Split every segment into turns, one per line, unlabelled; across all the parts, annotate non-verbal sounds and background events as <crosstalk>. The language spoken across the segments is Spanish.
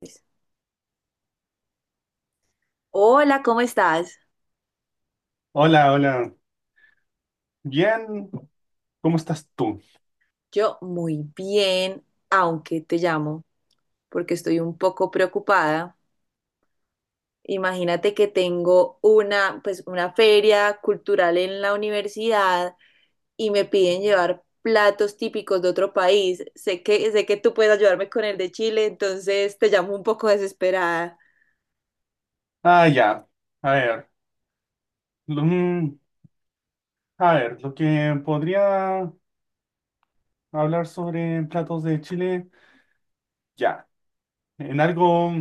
Pues, hola, ¿cómo estás?
Hola, hola. Bien, ¿cómo estás tú?
Yo muy bien, aunque te llamo porque estoy un poco preocupada. Imagínate que tengo una, pues, una feria cultural en la universidad y me piden llevar platos típicos de otro país. Sé que tú puedes ayudarme con el de Chile, entonces te llamo un poco desesperada.
Ah, ya. A ver, lo- mm, a ver, lo que podría hablar sobre platos de Chile, ya. En algo,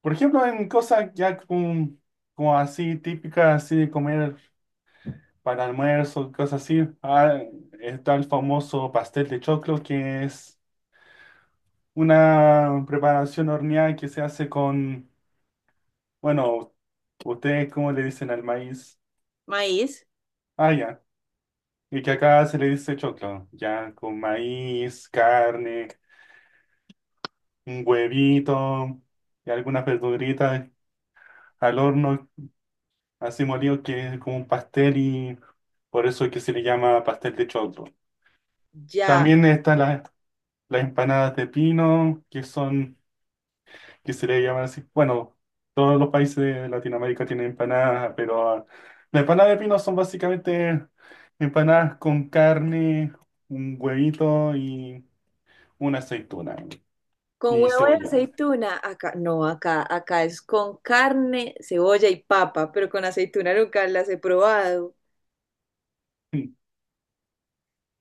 por ejemplo, en cosas ya como, como así típicas, así de comer para almuerzo, cosas así. Ah, está el famoso pastel de choclo, que es una preparación horneada que se hace con, bueno, ¿ustedes cómo le dicen al maíz?
Maíz,
Ah, ya. Y que acá se le dice choclo, ya con maíz, carne, un huevito y algunas verduritas al horno, así molido que es como un pastel y por eso es que se le llama pastel de choclo.
ya.
También están las empanadas de pino, que son, que se le llaman así, bueno, todos los países de Latinoamérica tienen empanadas, pero las empanadas de pino son básicamente empanadas con carne, un huevito y una aceituna.
Con
Y
huevo y
cebolla.
aceituna, acá, no, acá es con carne, cebolla y papa, pero con aceituna nunca las he probado.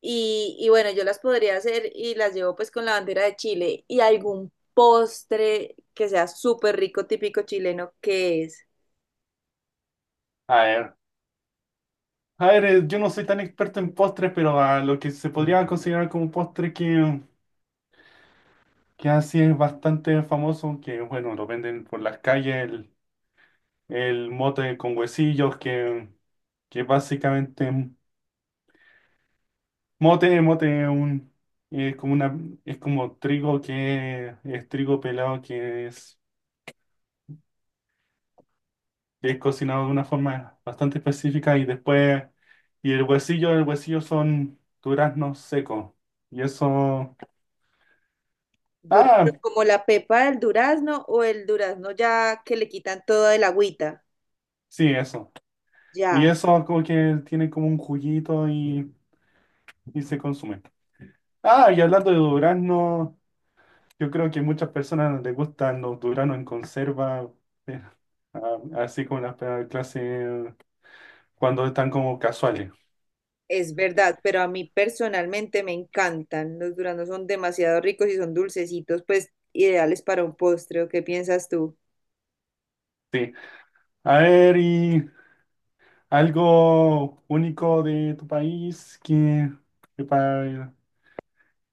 Y bueno, yo las podría hacer y las llevo pues con la bandera de Chile y algún postre que sea súper rico, típico chileno, que es
A ver. A ver, yo no soy tan experto en postres, pero a lo que se podría considerar como postre que así es bastante famoso, que bueno, lo venden por las calles, el mote con huesillos, que básicamente mote es un, es como una, es como trigo que es trigo pelado que es cocinado de una forma bastante específica y después, y el huesillo son duraznos secos. Y eso,
dur-
ah,
como la pepa del durazno o el durazno ya que le quitan toda el agüita,
sí, eso. Y
ya.
eso como que tiene como un juguito y se consume. Ah, y hablando de duraznos, yo creo que muchas personas les gustan los duraznos en conserva, eh, así como la clase cuando están como casuales.
Es verdad, pero a mí personalmente me encantan. Los duraznos son demasiado ricos y son dulcecitos, pues ideales para un postre. ¿O qué piensas tú?
Sí. A ver, y ¿algo único de tu país que, que, pa-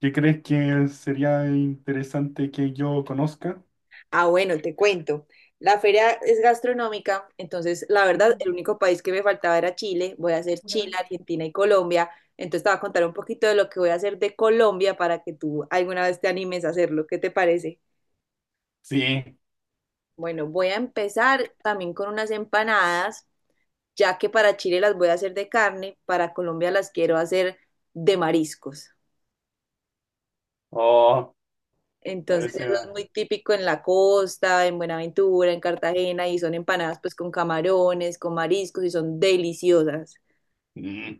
que crees que sería interesante que yo conozca?
Ah, bueno, te cuento. La feria es gastronómica, entonces la verdad, el único país que me faltaba era Chile. Voy a hacer Chile, Argentina y Colombia. Entonces te voy a contar un poquito de lo que voy a hacer de Colombia para que tú alguna vez te animes a hacerlo. ¿Qué te parece?
Sí.
Bueno, voy a empezar también con unas empanadas, ya que para Chile las voy a hacer de carne, para Colombia las quiero hacer de mariscos.
Oh, a
Entonces
veces.
eso es muy típico en la costa, en Buenaventura, en Cartagena, y son empanadas pues con camarones, con mariscos, y son deliciosas.
mm,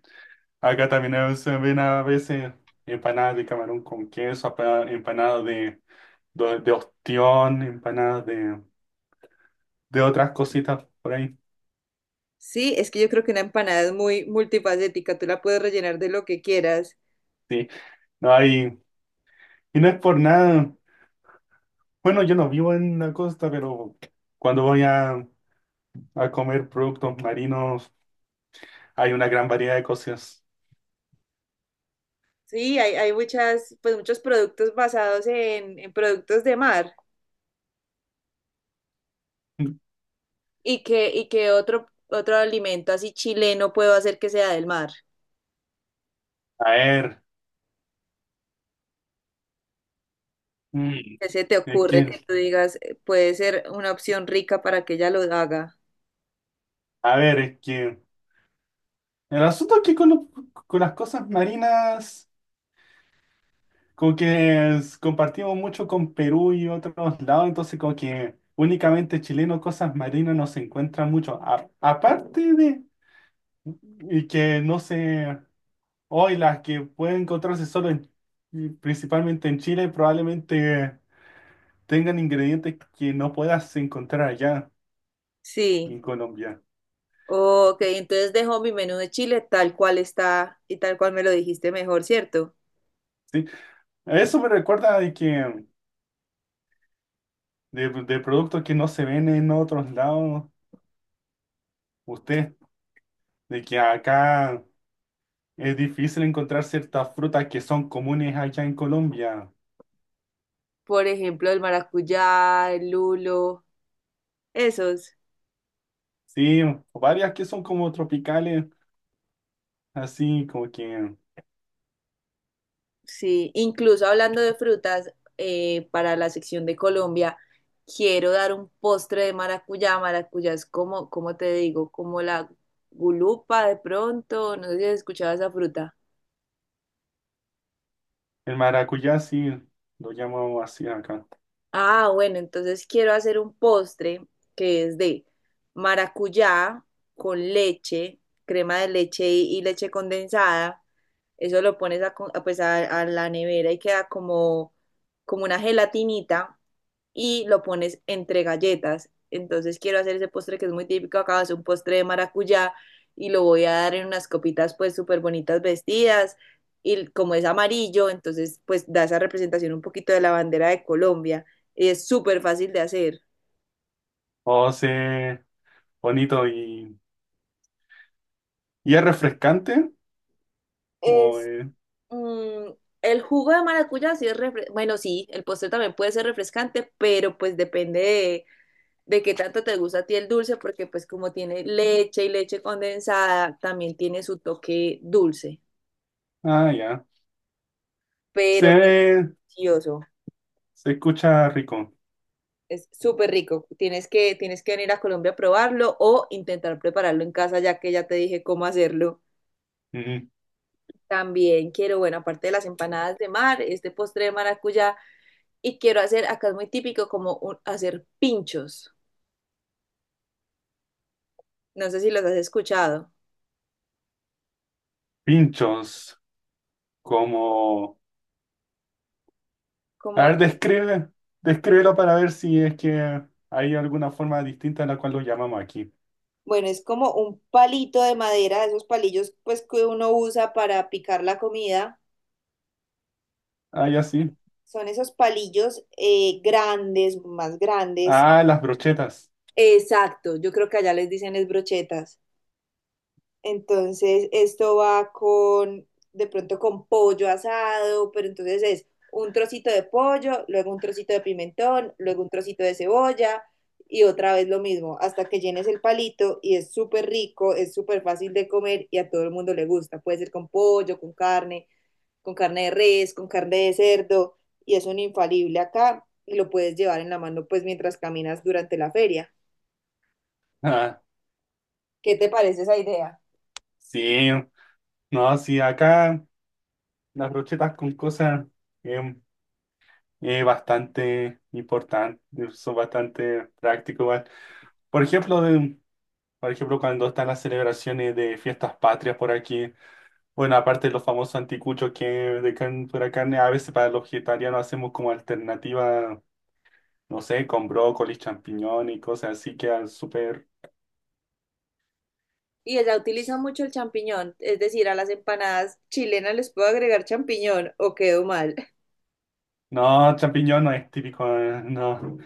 Acá también a veces se ven a veces empanadas de camarón con queso, empanadas de, de ostión, empanadas de otras cositas por ahí.
Sí, es que yo creo que una empanada es muy multifacética, tú la puedes rellenar de lo que quieras.
Sí. No hay. Y no es por nada. Bueno, yo no vivo en la costa, pero cuando voy a comer productos marinos. Hay una gran variedad de cosas.
Sí, hay muchas, pues muchos productos basados en productos de mar. Y que otro alimento así chileno puedo hacer que sea del mar?
A ver, mm,
¿Qué se te
es
ocurre que
que,
tú digas, puede ser una opción rica para que ella lo haga?
a ver, es que el asunto es que con las cosas marinas, como que compartimos mucho con Perú y otros lados, entonces como que únicamente chileno cosas marinas no se encuentran mucho. Aparte de y que no sé, hoy las que pueden encontrarse solo en, principalmente en Chile, probablemente tengan ingredientes que no puedas encontrar allá
Sí.
en Colombia.
Ok, entonces dejo mi menú de chile tal cual está y tal cual me lo dijiste mejor, ¿cierto?
¿Sí? Eso me recuerda de que de productos que no se ven en otros lados, usted, de que acá es difícil encontrar ciertas frutas que son comunes allá en Colombia.
Por ejemplo, el maracuyá, el lulo, esos.
Sí, varias que son como tropicales, así como que
Sí, incluso hablando de frutas, para la sección de Colombia, quiero dar un postre de maracuyá. Maracuyá es como, ¿cómo te digo? Como la gulupa de pronto, no sé si has escuchado esa fruta.
el maracuyá, sí, lo llamamos así acá.
Ah, bueno, entonces quiero hacer un postre que es de maracuyá con leche, crema de leche y leche condensada, eso lo pones a, co- a, pues a la nevera y queda como, como una gelatinita y lo pones entre galletas. Entonces quiero hacer ese postre que es muy típico acá, es un postre de maracuyá y lo voy a dar en unas copitas pues súper bonitas vestidas y como es amarillo, entonces pues da esa representación un poquito de la bandera de Colombia. Y es súper fácil de hacer.
O sea, bonito y es refrescante. O,
Es mm, el jugo de maracuyá, sí es bueno, sí, el postre también puede ser refrescante, pero pues depende de qué tanto te gusta a ti el dulce, porque pues como tiene leche y leche condensada, también tiene su toque dulce,
ah, ya.
pero
Se,
delicioso.
se escucha rico.
Es súper rico. Tienes que venir a Colombia a probarlo o intentar prepararlo en casa, ya que ya te dije cómo hacerlo.
Ujú.
También quiero, bueno, aparte de las empanadas de mar, este postre de maracuyá, y quiero hacer, acá es muy típico, hacer pinchos. No sé si los has escuchado.
Pinchos como A
Como
ver, describe, descríbelo para ver si es que hay alguna forma distinta en la cual lo llamamos aquí.
bueno, es como un palito de madera, esos palillos pues que uno usa para picar la comida.
Ah, ya sí.
Son esos palillos grandes, más grandes.
Ah, las brochetas.
Exacto, yo creo que allá les dicen es brochetas. Entonces, esto va con, de pronto con pollo asado, pero entonces es un trocito de pollo, luego un trocito de pimentón, luego un trocito de cebolla y otra vez lo mismo, hasta que llenes el palito y es súper rico, es súper fácil de comer y a todo el mundo le gusta. Puede ser con pollo, con carne de res, con carne de cerdo y es un infalible acá y lo puedes llevar en la mano pues mientras caminas durante la feria.
<laughs> Ah,
¿Qué te parece esa idea?
sí. No, sí, acá las brochetas con cosas eh, es bastante importante, son bastante prácticos igual. Por ejemplo, por ejemplo, cuando están las celebraciones de fiestas patrias por aquí, bueno, aparte de los famosos anticuchos que de carne, pura carne, a veces para los vegetarianos hacemos como alternativa no sé, con brócoli, champiñón y cosas así quedan súper
Y ella utiliza mucho el champiñón, es decir, a las empanadas chilenas les puedo agregar champiñón o quedo mal, <laughs>
No, champiñón no es típico, no.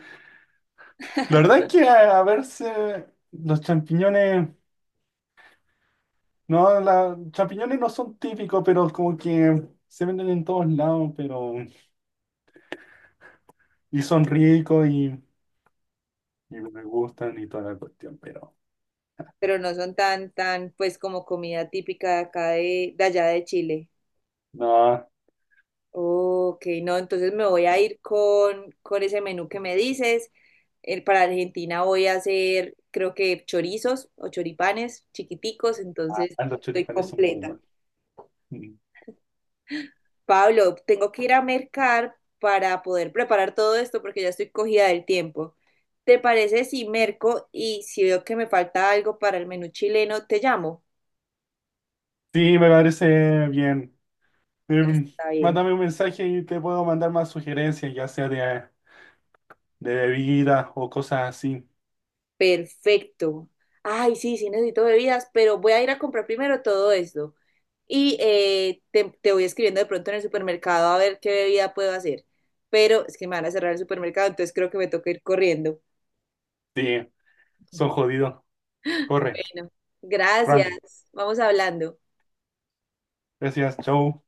La verdad es que a verse los champiñones, no, la, champiñones no son típicos, pero como que se venden en todos lados, pero Y son ricos y me gustan y toda la cuestión, pero
pero no son tan, pues como comida típica de acá de allá de Chile.
No,
Ok, no, entonces me voy a ir con ese menú que me dices. Para Argentina voy a hacer, creo que chorizos o choripanes chiquiticos,
ah,
entonces
los
estoy
choripanes son
completa.
buenos. Mm.
Pablo, tengo que ir a mercar para poder preparar todo esto porque ya estoy cogida del tiempo. ¿Te parece si merco y si veo que me falta algo para el menú chileno, te llamo?
Sí, me parece bien. Em,
Está bien.
mándame un mensaje y te puedo mandar más sugerencias, ya sea de bebida o cosas así.
Perfecto. Ay, sí, sí necesito bebidas, pero voy a ir a comprar primero todo esto. Y te voy escribiendo de pronto en el supermercado a ver qué bebida puedo hacer. Pero es que me van a cerrar el supermercado, entonces creo que me toca ir corriendo.
Sí, son
<laughs>
jodidos. Corre,
Bueno, gracias.
run.
Vamos hablando.
Gracias, chau.